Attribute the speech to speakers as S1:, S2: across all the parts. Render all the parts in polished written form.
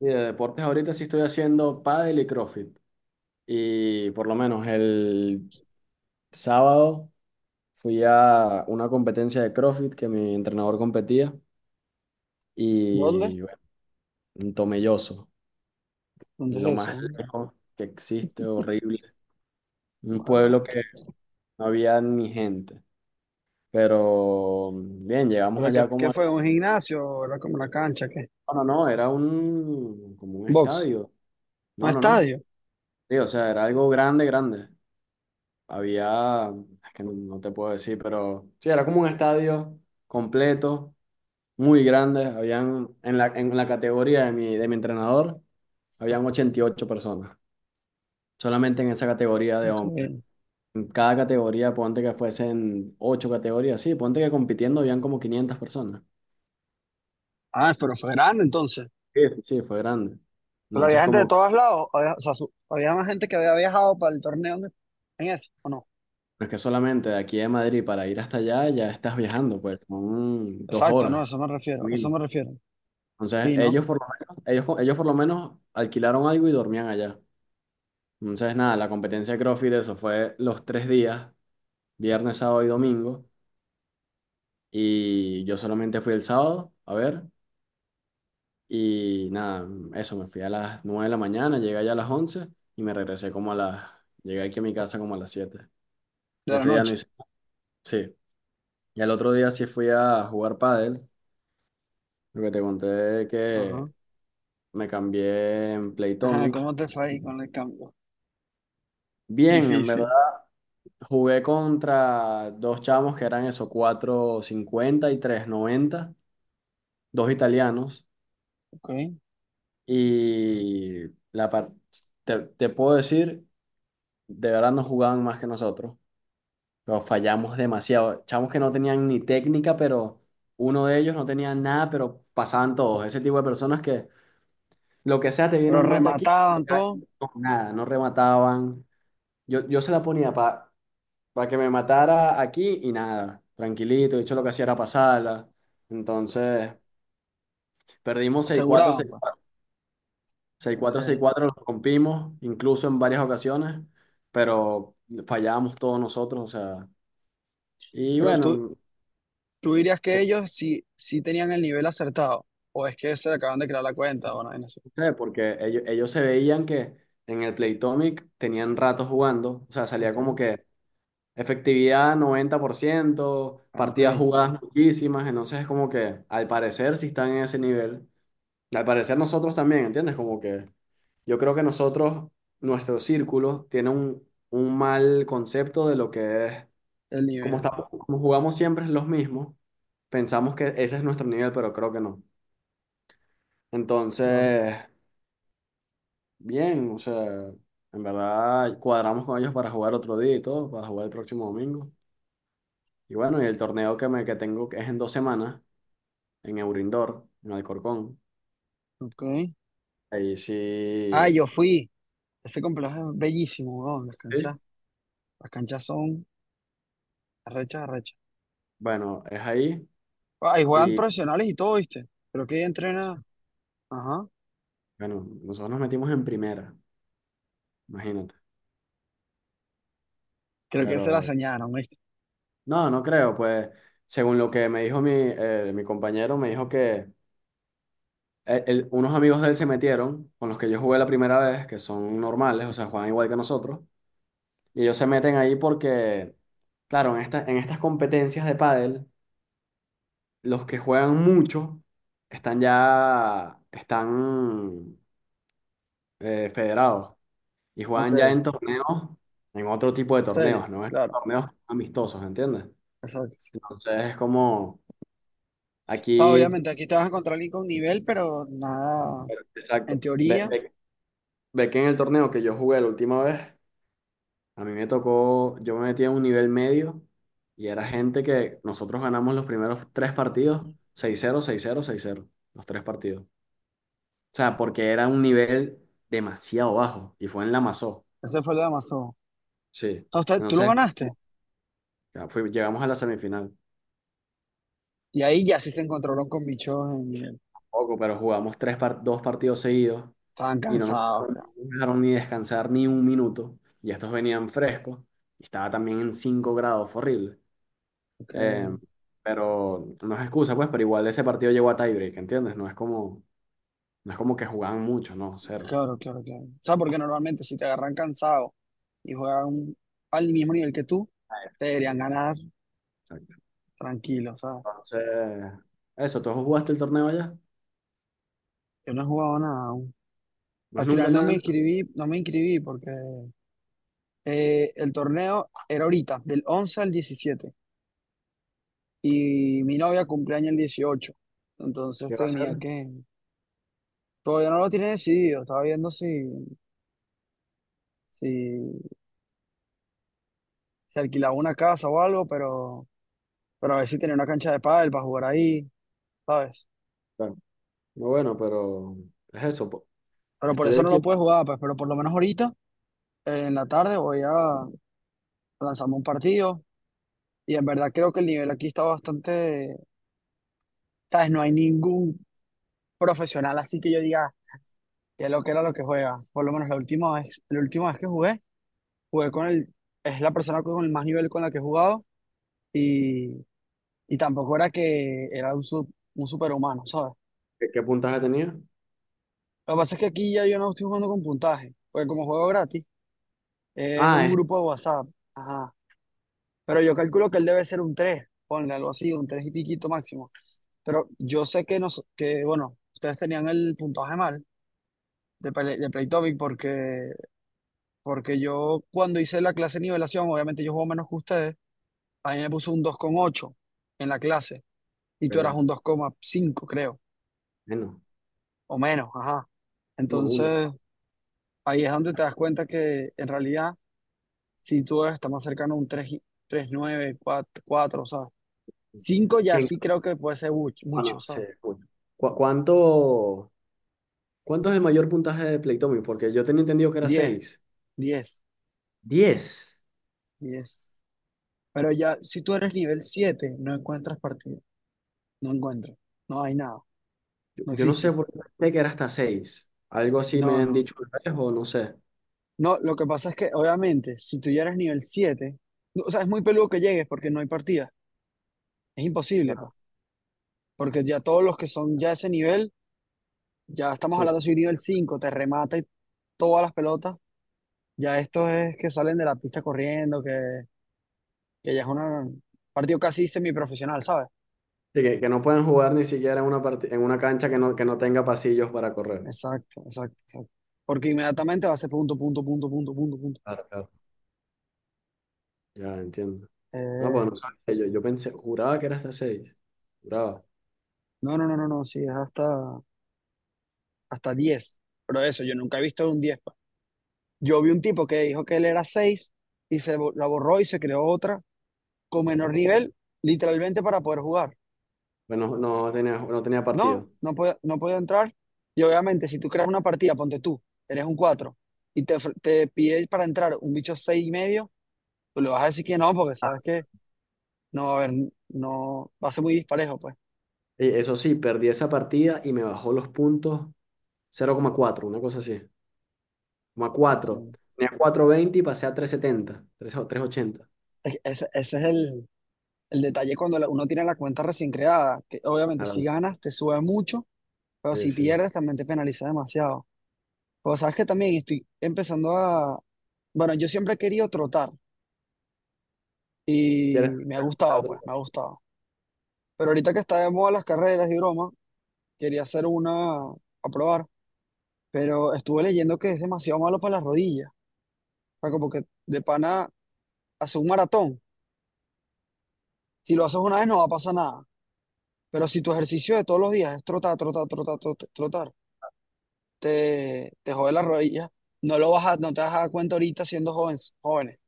S1: Sí, de deportes ahorita sí estoy haciendo pádel y CrossFit. Y por lo menos el sábado fui a una competencia de CrossFit que mi entrenador competía
S2: ¿Dónde?
S1: y bueno, en Tomelloso,
S2: ¿Dónde
S1: lo
S2: es
S1: más
S2: eso?
S1: lejos que existe, horrible. Un
S2: Guarda.
S1: pueblo que no había ni gente. Pero bien, llegamos
S2: ¿Pero qué,
S1: allá
S2: qué
S1: como...
S2: fue? ¿Un gimnasio? ¿Era como una cancha? ¿Qué?
S1: No, no, no, era un, como un
S2: ¿Box?
S1: estadio.
S2: ¿Un
S1: No, no, no.
S2: estadio?
S1: Sí, o sea, era algo grande, grande. Había, es que no, no te puedo decir, pero sí, era como un estadio completo, muy grande. Habían, en la categoría de mi entrenador, habían 88 personas, solamente en esa categoría de
S2: Ok.
S1: hombres. En cada categoría, ponte que fuesen 8 categorías, sí, ponte que compitiendo habían como 500 personas.
S2: Ah, pero fue grande entonces.
S1: Sí, sí, fue grande.
S2: Pero había
S1: Entonces,
S2: gente de
S1: como,
S2: todos lados. Había, o sea, había más gente que había viajado para el torneo en eso, ¿o no?
S1: no es que solamente de aquí de Madrid para ir hasta allá, ya estás viajando, pues, son dos
S2: Exacto, no, a
S1: horas.
S2: eso me refiero, a eso me refiero.
S1: Entonces,
S2: Sí, ¿no?
S1: ellos por lo menos, ellos por lo menos alquilaron algo y dormían allá. Entonces, nada, la competencia de CrossFit, eso fue los tres días, viernes, sábado y domingo. Y yo solamente fui el sábado a ver. Y nada, eso, me fui a las 9 de la mañana, llegué allá a las 11 y me regresé como a las... Llegué aquí a mi casa como a las siete. Y
S2: De la
S1: ese día no
S2: noche.
S1: hice... Sí. Y al otro día sí fui a jugar pádel. Lo que te conté
S2: Ajá.
S1: que me cambié en
S2: Ajá,
S1: Playtomic.
S2: ¿cómo te fue ahí con el cambio?
S1: Bien, en verdad
S2: Difícil.
S1: jugué contra dos chamos que eran eso, 4,50 y 3,90, dos italianos,
S2: Ok.
S1: y la par- te puedo decir, de verdad no jugaban más que nosotros, pero fallamos demasiado. Chamos que no tenían ni técnica, pero uno de ellos no tenía nada, pero pasaban todos. Ese tipo de personas que lo que sea, te viene
S2: Pero
S1: un mata aquí,
S2: remataban todo,
S1: no, nada, no remataban. Yo se la ponía para que me matara aquí y nada, tranquilito, de hecho lo que hacía era pasarla. Entonces, perdimos seis cuatro
S2: aseguraban,
S1: seis
S2: pues.
S1: 4, 6-4,
S2: Ok.
S1: 6-4, los rompimos, incluso en varias ocasiones, pero fallábamos todos nosotros, o sea, y
S2: Pero tú,
S1: bueno,
S2: ¿tú dirías que
S1: que
S2: ellos sí tenían el nivel acertado? ¿O es que se le acaban de crear la cuenta? Bueno, no sé.
S1: no sé, porque ellos se veían que en el Playtomic tenían rato jugando, o sea, salía
S2: Ok.
S1: como que efectividad 90%
S2: Ah, ok.
S1: partidas jugadas muchísimas, entonces es como que al parecer si están en ese nivel. Al parecer nosotros también, ¿entiendes? Como que yo creo que nosotros, nuestro círculo, tiene un mal concepto de lo que es,
S2: El
S1: como
S2: nivel.
S1: estamos, como jugamos siempre los mismos, pensamos que ese es nuestro nivel, pero creo que no.
S2: Claro.
S1: Entonces, bien, o sea, en verdad cuadramos con ellos para jugar otro día y todo, para jugar el próximo domingo. Y bueno, y el torneo que tengo que es en dos semanas, en Eurindor, en Alcorcón.
S2: Ok.
S1: Ahí
S2: Ah,
S1: sí,
S2: yo fui. Ese complejo es bellísimo, weón. Las
S1: sí,
S2: canchas. Las canchas son arrechas, arrechas.
S1: bueno, es ahí.
S2: Ah, y juegan profesionales y todo, ¿viste? Creo que entrena. Ajá.
S1: Bueno, nosotros nos metimos en primera, imagínate.
S2: Creo que se la
S1: Pero
S2: soñaron, ¿viste?
S1: no, no creo, pues según lo que me dijo mi, mi compañero, me dijo que unos amigos de él se metieron, con los que yo jugué la primera vez, que son normales, o sea, juegan igual que nosotros, y ellos se meten ahí porque, claro, en estas competencias de pádel, los que juegan mucho están ya, están federados y
S2: Ok.
S1: juegan ya en torneos, en otro tipo de
S2: Serio.
S1: torneos, ¿no? Estos
S2: Claro.
S1: torneos amistosos, ¿entiendes?
S2: Exacto.
S1: Entonces es como
S2: Ah,
S1: aquí,
S2: obviamente, aquí te vas a encontrar alguien con nivel, pero nada. En
S1: exacto.
S2: teoría,
S1: Ve que en el torneo que yo jugué la última vez, a mí me tocó, yo me metí a un nivel medio y era gente que nosotros ganamos los primeros tres partidos, 6-0, 6-0, 6-0 los tres partidos. O sea, porque era un nivel demasiado bajo y fue en la Masó.
S2: ese fue el de Amazon.
S1: Sí.
S2: Ah, ¿tú lo
S1: Entonces,
S2: ganaste?
S1: llegamos a la semifinal.
S2: Y ahí ya sí se encontraron con bichos.
S1: Poco, pero jugamos dos partidos seguidos
S2: Estaban
S1: y
S2: cansados, claro.
S1: no me dejaron ni descansar ni un minuto. Y estos venían frescos. Y estaba también en 5 grados, fue horrible.
S2: Ok.
S1: Eh, pero no es excusa, pues, pero igual ese partido llegó a tiebreak, ¿entiendes? No es como que jugaban mucho, no, cero.
S2: Claro, claro, claro. O sea, porque normalmente si te agarran cansado y juegan al mismo nivel que tú,
S1: Ah,
S2: te deberían
S1: exactamente.
S2: ganar
S1: Exacto.
S2: tranquilo, o sea.
S1: Entonces, eso, ¿tú jugaste el torneo allá?
S2: Yo no he jugado nada aún.
S1: No
S2: Al
S1: es nunca
S2: final no
S1: nada,
S2: me
S1: ¿no?
S2: inscribí, no me inscribí porque el torneo era ahorita, del 11 al 17. Y mi novia cumpleaños el 18. Entonces
S1: ¿Qué va a
S2: tenía
S1: ser?
S2: que... Todavía no lo tiene decidido. Estaba viendo si, si alquilaba una casa o algo, pero a ver si tenía una cancha de pádel para jugar ahí, ¿sabes?
S1: Claro. No, bueno, pero es eso, po.
S2: Pero por
S1: Estoy
S2: eso no
S1: aquí.
S2: lo puedes jugar, pues, pero por lo menos ahorita, en la tarde, voy a lanzarme un partido. Y en verdad creo que el nivel aquí está bastante, ¿sabes? No hay ningún profesional así que yo diga que lo que era lo que juega. Por lo menos la última vez que jugué, jugué con el, es la persona con el más nivel con la que he jugado. Y, y tampoco era que era un, un superhumano, ¿sabes?
S1: ¿Qué, qué puntaje tenía?
S2: Lo que pasa es que aquí ya yo no estoy jugando con puntaje, porque como juego gratis, es
S1: Ah,
S2: un
S1: es.
S2: grupo de WhatsApp. Ajá. Pero yo calculo que él debe ser un 3, ponle algo así, un 3 y piquito máximo. Pero yo sé que, que bueno, ustedes tenían el puntaje mal de, de Playtopic porque, porque yo cuando hice la clase de nivelación, obviamente yo juego menos que ustedes, a mí me puso un 2,8 en la clase y tú eras
S1: Ok.
S2: un 2,5 creo,
S1: Bueno,
S2: o menos, ajá.
S1: como uno.
S2: Entonces, ahí es donde te das cuenta que en realidad, si tú estás más cercano a un 3, 3,9, 4, 4, cinco ya
S1: ¿Quién...
S2: sí creo que puede ser
S1: Ah,
S2: mucho,
S1: no, sí,
S2: ¿sabes?
S1: coño. ¿Cu- cuánto, cuánto es el mayor puntaje de Plectomy? Porque yo tenía entendido que era
S2: Diez,
S1: seis,
S2: diez,
S1: diez.
S2: diez. Pero ya, si tú eres nivel siete, no encuentras partido. No encuentras. No hay nada.
S1: Yo,
S2: No
S1: yo no
S2: existe,
S1: sé por
S2: pues.
S1: qué pensé que era hasta seis. Algo así
S2: No,
S1: me han
S2: no.
S1: dicho una vez o no sé.
S2: No, lo que pasa es que, obviamente, si tú ya eres nivel siete, no, o sea, es muy peludo que llegues porque no hay partida. Es imposible, pues.
S1: Claro,
S2: Porque ya todos los que son ya ese nivel, ya estamos
S1: sí,
S2: hablando
S1: eso.
S2: si un nivel cinco te remata y todas las pelotas, ya estos es que salen de la pista corriendo, que ya es un partido casi semiprofesional, ¿sabes?
S1: Sí, que no pueden jugar ni siquiera en una, en una cancha que no tenga pasillos para correr.
S2: Exacto, exacto, exacto. Porque inmediatamente va a ser punto, punto, punto, punto, punto, punto.
S1: Claro, claro. Ya, entiendo. No, pues
S2: Eh,
S1: no sabía, yo pensé, juraba que era hasta seis. Juraba.
S2: no, no, no, no, no, sí, es hasta, hasta 10. Pero eso, yo nunca he visto un 10 pa. Yo vi un tipo que dijo que él era 6 y la borró y se creó otra con menor nivel, literalmente para poder jugar.
S1: Bueno, no tenía, no tenía
S2: No,
S1: partido.
S2: no puede, no puede entrar. Y obviamente, si tú creas una partida, ponte tú, eres un 4 y te pide para entrar un bicho 6 y medio, tú le vas a decir que no, porque
S1: Ah.
S2: sabes que no, va a haber, no, va a ser muy disparejo, pues.
S1: Y eso sí, perdí esa partida y me bajó los puntos 0,4, una cosa así, como a
S2: Ok.
S1: 4. Tenía 4,20 y pasé a 3,70 tres o 3,80.
S2: Ese, ese es el detalle cuando uno tiene la cuenta recién creada, que obviamente si
S1: Claro,
S2: ganas te sube mucho, pero
S1: sí,
S2: si
S1: sí.
S2: pierdes también te penaliza demasiado. Pero sabes que también estoy empezando a... Bueno, yo siempre he querido trotar
S1: ¿Quieres?
S2: y me ha gustado,
S1: Claro,
S2: pues, me ha gustado. Pero ahorita que está de moda las carreras y broma, quería hacer una a probar, pero estuve leyendo que es demasiado malo para las rodillas. O sea, como que de pana hacer un maratón, si lo haces una vez no va a pasar nada. Pero si tu ejercicio de todos los días es trotar, trotar, trotar, trotar, trotar, te jode la rodilla. No lo vas a, no te vas a dar cuenta ahorita siendo jóvenes, jóvenes,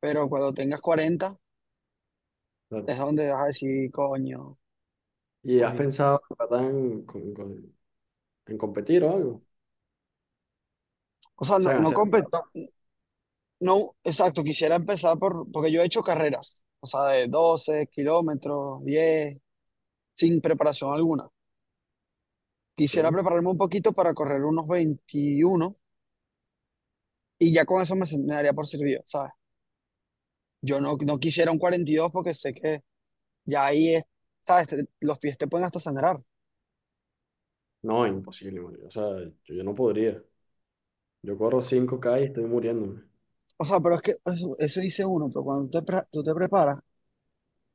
S2: pero cuando tengas 40
S1: claro.
S2: es donde vas a decir, coño,
S1: ¿Y has
S2: oye".
S1: pensado, verdad, en, en competir o algo? O
S2: O sea,
S1: sea,
S2: no,
S1: en hacer un maratón.
S2: no, exacto, quisiera empezar por, porque yo he hecho carreras, o sea, de 12 kilómetros, 10 sin preparación alguna. Quisiera
S1: Sí.
S2: prepararme un poquito para correr unos 21 y ya con eso me, me daría por servido, ¿sabes? Yo no, no quisiera un 42 porque sé que ya ahí es, ¿sabes? Los pies te pueden hasta sangrar.
S1: No, imposible, marico. O sea, yo no podría. Yo corro cinco k y estoy muriéndome.
S2: O sea, pero es que eso dice uno, pero cuando tú tú te preparas,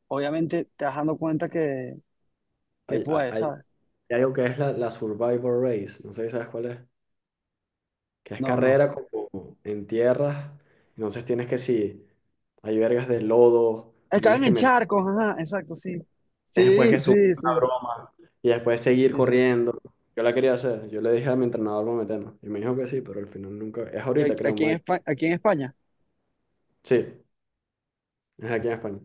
S2: obviamente te vas dando cuenta que
S1: Hay, hay,
S2: puedes,
S1: hay-
S2: ¿sabes?
S1: hay algo que es la Survivor Race. No sé si sabes cuál es. Que es
S2: No, no.
S1: carrera como en tierras. Entonces tienes que, sí, hay vergas de lodo
S2: Es que
S1: y tienes
S2: caen
S1: que
S2: en
S1: meter.
S2: charcos, ajá, exacto, sí.
S1: Tienes después
S2: Sí,
S1: que subir
S2: sí, sí.
S1: una broma y después seguir
S2: Sí, sí, sí.
S1: corriendo. Yo la quería hacer, yo le dije a mi entrenador vamos a meternos y me dijo que sí, pero al final nunca, es
S2: Y aquí
S1: ahorita creo en
S2: aquí en
S1: mayo.
S2: España, aquí en España.
S1: Sí, es aquí en España.